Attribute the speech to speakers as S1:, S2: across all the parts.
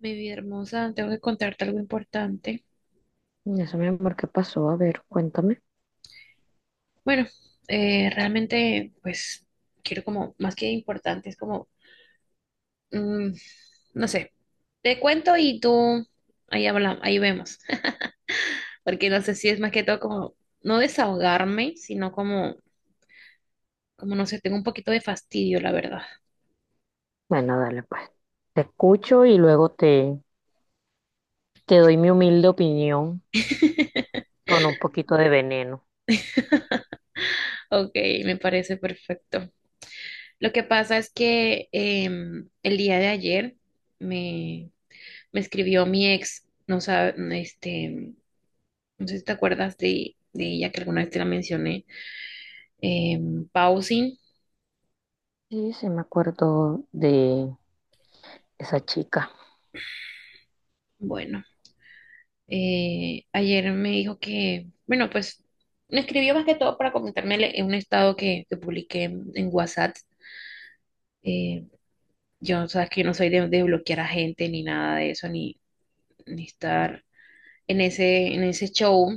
S1: Mi vida hermosa, tengo que contarte algo importante.
S2: Eso, mi amor, ¿qué pasó? A ver, cuéntame.
S1: Bueno, realmente, pues, quiero como, más que importante, es como, mm, no sé, te cuento y tú, ahí hablamos, ahí vemos. Porque no sé si es más que todo como, no desahogarme, sino como, como, no sé, tengo un poquito de fastidio, la verdad.
S2: Bueno, dale, pues. Te escucho y luego te doy mi humilde opinión con un poquito de veneno.
S1: Ok, me parece perfecto. Lo que pasa es que el día de ayer me, me escribió mi ex, no sabe, este, no sé si te acuerdas de ella que alguna vez te la mencioné. Eh, Pausing.
S2: Sí, sí, me acuerdo de esa chica.
S1: Bueno, ayer me dijo que, bueno, pues me escribió más que todo para comentarme en un estado que publiqué en WhatsApp. Eh, yo, sabes que yo no soy de bloquear a gente ni nada de eso, ni, ni estar en ese show.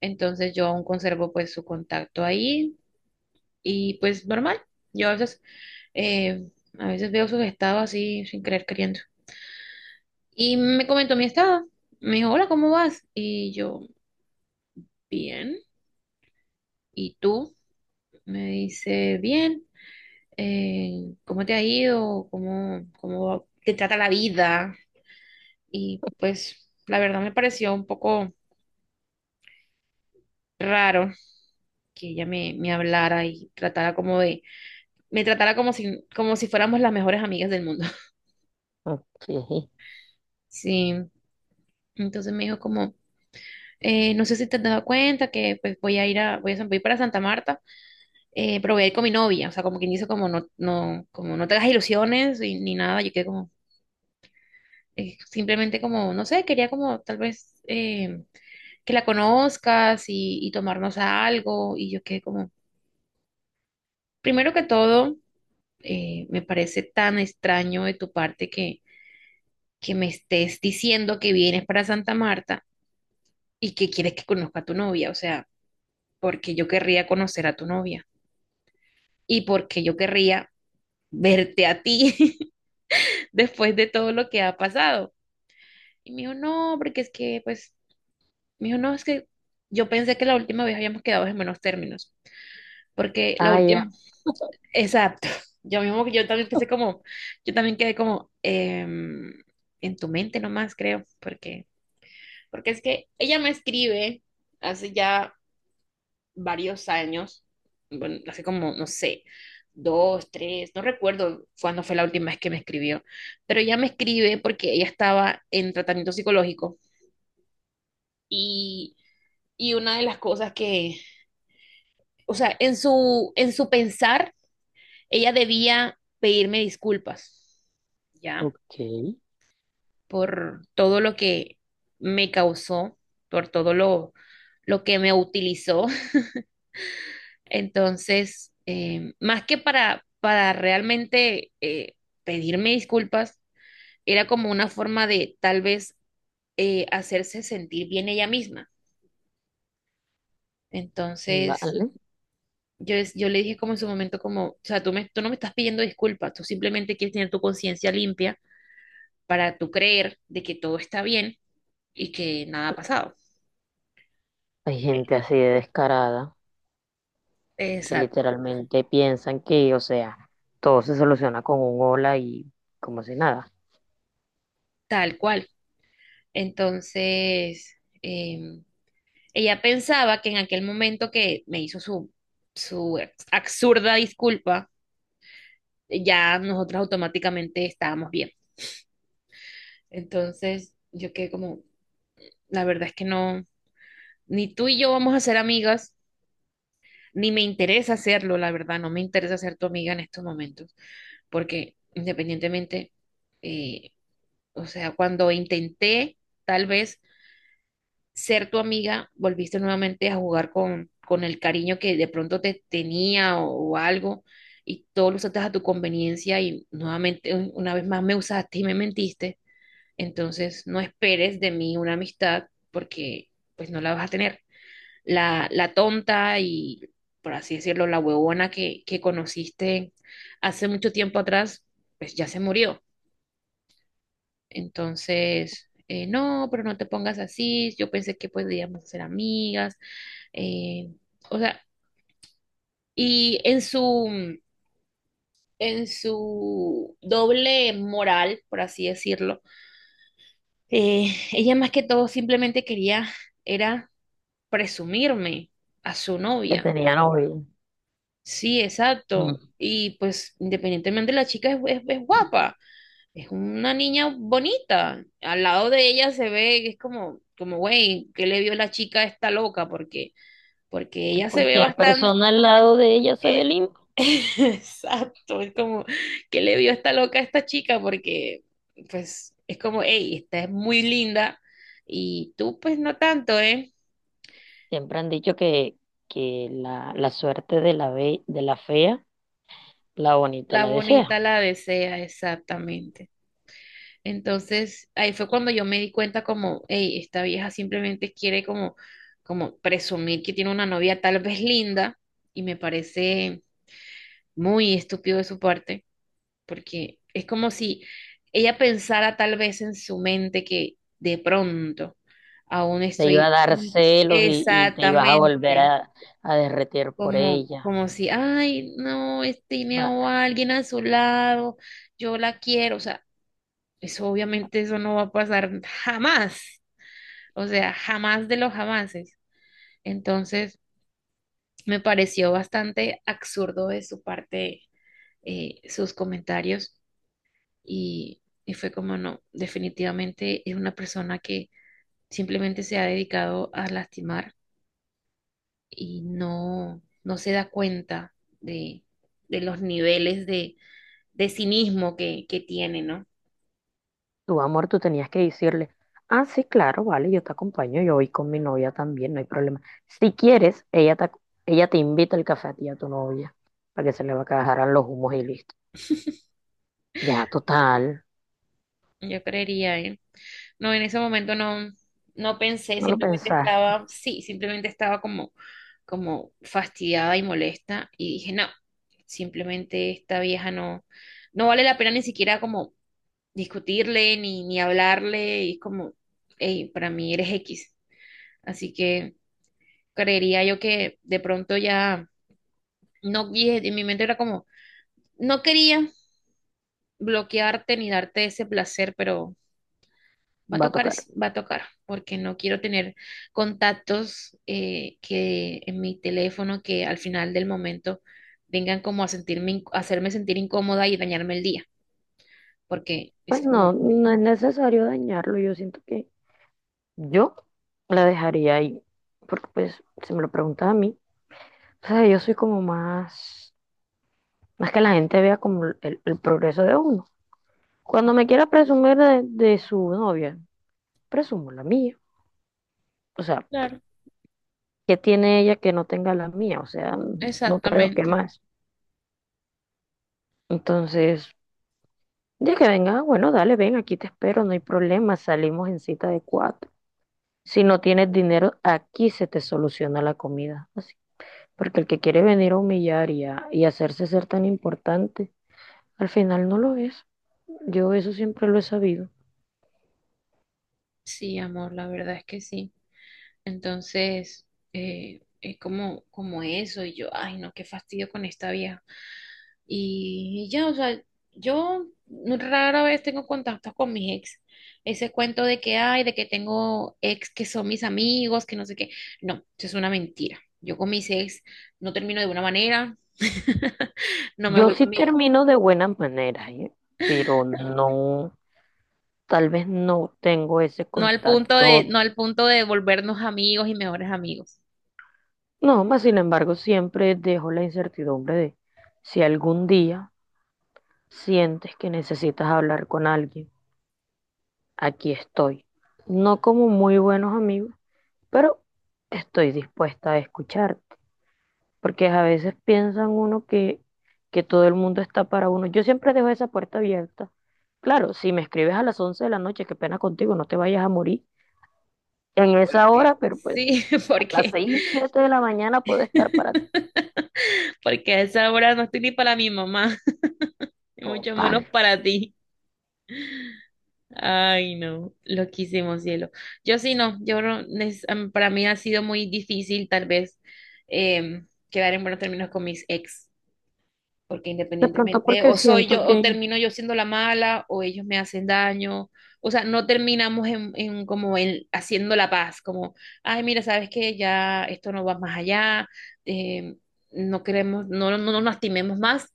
S1: Entonces yo aún conservo pues su contacto ahí y pues normal. Yo eh, a veces veo sus estados así sin querer queriendo. Y me comentó mi estado. Me dijo, hola, ¿cómo vas? Y yo, bien. ¿Y tú? Me dice, bien. ¿Cómo te ha ido? ¿Cómo, cómo te trata la vida? Y pues la verdad me pareció un poco raro que ella me hablara y tratara como de, me tratara como si fuéramos las mejores amigas del mundo.
S2: Ok.
S1: Sí. Entonces me dijo como, no sé si te has dado cuenta que pues voy a ir a, voy para Santa Marta proveer con mi novia, o sea, como quien dice, como no, no, como no te hagas ilusiones ni nada, yo quedé como, simplemente como, no sé, quería como tal vez que la conozcas y tomarnos a algo, y yo quedé como, primero que todo, me parece tan extraño de tu parte que me estés diciendo que vienes para Santa Marta y que quieres que conozca a tu novia, o sea, porque yo querría conocer a tu novia y porque yo querría verte a ti después de todo lo que ha pasado. Y me dijo, no, porque es que, pues, me dijo, no, es que yo pensé que la última vez habíamos quedado en buenos términos, porque la
S2: Ah,
S1: última,
S2: ya.
S1: exacto, yo mismo, yo también pensé como, yo también quedé como en tu mente nomás, creo, porque, porque es que ella me escribe hace ya varios años, bueno, hace como, no sé, dos, tres, no recuerdo cuándo fue la última vez que me escribió, pero ella me escribe porque ella estaba en tratamiento psicológico y Y una de las cosas que, o sea, en su pensar, ella debía pedirme disculpas, ¿ya?
S2: Ok.
S1: Por todo lo que me causó, por todo lo que me utilizó. Entonces, más que para realmente pedirme disculpas, era como una forma de tal vez hacerse sentir bien ella misma. Entonces,
S2: Vale.
S1: yo, yo le dije como en su momento, como, o sea, tú, me, tú no me estás pidiendo disculpas, tú simplemente quieres tener tu conciencia limpia para tú creer de que todo está bien y que nada ha pasado.
S2: Hay
S1: E,
S2: gente así de descarada que
S1: exacto,
S2: literalmente piensan que, o sea, todo se soluciona con un hola y como si nada.
S1: tal cual. Entonces, em, ella pensaba que en aquel momento que me hizo su, su absurda disculpa, ya nosotras automáticamente estábamos bien. Entonces, yo quedé como, la verdad es que no, ni tú y yo vamos a ser amigas. Ni me interesa hacerlo, la verdad, no me interesa ser tu amiga en estos momentos, porque independientemente, eh, o sea, cuando intenté tal vez ser tu amiga, volviste nuevamente a jugar con el cariño que de pronto te tenía o algo, y todo lo usaste a tu conveniencia y nuevamente, una vez más me usaste y me mentiste, entonces no esperes de mí una amistad porque pues no la vas a tener la tonta y, por así decirlo, la huevona que conociste hace mucho tiempo atrás, pues ya se murió. Entonces, no, pero no te pongas así, yo pensé que podíamos ser amigas, eh, o sea, y en su doble moral, por así decirlo, ella más que todo simplemente quería, era presumirme a su
S2: Que
S1: novia.
S2: tenía novia.
S1: Sí, exacto.
S2: Mm.
S1: Y pues independientemente la chica es, es guapa, es una niña bonita. Al lado de ella se ve, que es como, como, güey, ¿qué le vio la chica a esta loca? Porque, porque
S2: Que
S1: ella se ve
S2: cualquier
S1: bastante...
S2: persona al lado de ella se ve
S1: eh,
S2: linda.
S1: exacto, es como, ¿qué le vio esta loca a esta chica? Porque, pues, es como, hey, esta es muy linda y tú pues no tanto, ¿eh?
S2: Siempre han dicho que, que la suerte de la fea, la bonita
S1: La
S2: la desea.
S1: bonita la desea, exactamente. Entonces, ahí fue cuando yo me di cuenta como, hey, esta vieja simplemente quiere como, como presumir que tiene una novia tal vez linda y me parece muy estúpido de su parte, porque es como si ella pensara tal vez en su mente que de pronto aún
S2: Te iba a
S1: estoy
S2: dar celos y te ibas a volver
S1: exactamente
S2: a derretir por
S1: como,
S2: ella.
S1: como si, ay, no, tiene
S2: Va-
S1: a alguien a su lado, yo la quiero, o sea eso obviamente eso no va a pasar jamás, o sea, jamás de los jamases. Entonces, me pareció bastante absurdo de su parte sus comentarios y fue como no, definitivamente es una persona que simplemente se ha dedicado a lastimar y no, no se da cuenta de, de los niveles de cinismo que tiene, ¿no?
S2: Tu amor, tú tenías que decirle, ah, sí, claro, vale, yo te acompaño, yo voy con mi novia también, no hay problema. Si quieres, ella te invita al café a ti y a tu novia, para que se le bajaran los humos y listo. Ya, total,
S1: Yo creería, ¿eh? No, en ese momento no, no pensé,
S2: no lo
S1: simplemente
S2: pensaste,
S1: estaba, sí, simplemente estaba como, como fastidiada y molesta y dije, no, simplemente esta vieja no, no vale la pena ni siquiera como discutirle ni, ni hablarle y es como, hey, para mí eres X. Así que creería yo que de pronto ya, no, y en mi mente era como, no quería bloquearte ni darte ese placer, pero va a
S2: va a
S1: tocar,
S2: tocar.
S1: va a tocar, porque no quiero tener contactos que en mi teléfono que al final del momento vengan como a sentirme, a hacerme sentir incómoda y dañarme el día, porque es
S2: Pues no,
S1: como,
S2: no es necesario dañarlo, yo siento que yo la dejaría ahí, porque pues se me lo pregunta a mí. O sea, yo soy como más, más que la gente vea como el progreso de uno. Cuando me quiera presumir de su novia, presumo la mía. O sea,
S1: claro,
S2: ¿qué tiene ella que no tenga la mía? O sea, no creo que
S1: exactamente.
S2: más. Entonces, ya que venga, bueno, dale, ven, aquí te espero, no hay problema, salimos en cita de cuatro. Si no tienes dinero, aquí se te soluciona la comida. Así. Porque el que quiere venir a humillar y hacerse ser tan importante, al final no lo es. Yo eso siempre lo he sabido.
S1: Sí, amor, la verdad es que sí. Entonces, es como, como eso, y yo, ay, no, qué fastidio con esta vieja. Y ya, o sea, yo rara vez tengo contactos con mis ex. Ese cuento de que hay, de que tengo ex que son mis amigos, que no sé qué. No, eso es una mentira. Yo con mis ex no termino de una manera. No me
S2: Yo
S1: vuelvo
S2: sí
S1: amiga.
S2: termino de buenas maneras, ¿eh? Pero no, tal vez no tengo ese
S1: No al punto de,
S2: contacto.
S1: no al punto de volvernos amigos y mejores amigos.
S2: No, más sin embargo, siempre dejo la incertidumbre de si algún día sientes que necesitas hablar con alguien, aquí estoy. No como muy buenos amigos, pero estoy dispuesta a escuchar. Porque a veces piensan uno que todo el mundo está para uno. Yo siempre dejo esa puerta abierta. Claro, si me escribes a las 11 de la noche, qué pena contigo, no te vayas a morir en esa
S1: Porque,
S2: hora, pero pues
S1: sí,
S2: a las
S1: porque,
S2: 6 7 de la mañana puedo estar para ti.
S1: porque a esa hora no estoy ni para mi mamá, y mucho menos
S2: Total.
S1: para ti. Ay, no, loquísimo cielo. Yo sí no, yo no, para mí ha sido muy difícil tal vez quedar en buenos términos con mis ex, porque
S2: De pronto
S1: independientemente
S2: porque
S1: o soy
S2: siento
S1: yo o
S2: que
S1: termino yo siendo la mala o ellos me hacen daño, o sea, no terminamos en como en haciendo la paz, como, ay, mira, sabes que ya esto no va más allá, em, no queremos, no, no, no nos lastimemos más,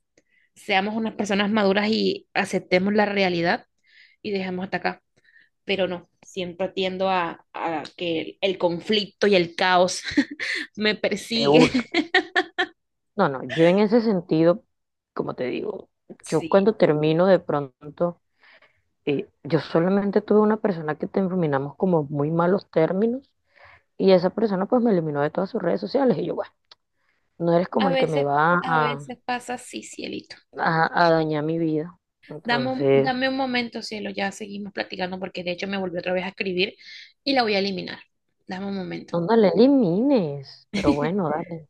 S1: seamos unas personas maduras y aceptemos la realidad y dejemos hasta acá pero no, siempre tiendo a que el conflicto y el caos me
S2: te
S1: persigue.
S2: busco. No, no, yo en ese sentido, como te digo, yo
S1: Sí,
S2: cuando termino de pronto, yo solamente tuve una persona que terminamos como muy malos términos y esa persona pues me eliminó de todas sus redes sociales y yo, bueno, no eres como
S1: a
S2: el que me
S1: veces,
S2: va
S1: a
S2: a,
S1: veces pasa así, cielito.
S2: a- a dañar mi vida. Entonces,
S1: Dame un momento, cielo, ya seguimos platicando porque de hecho me volvió otra vez a escribir y la voy a eliminar. Dame un momento.
S2: no, no le elimines, pero bueno, dale.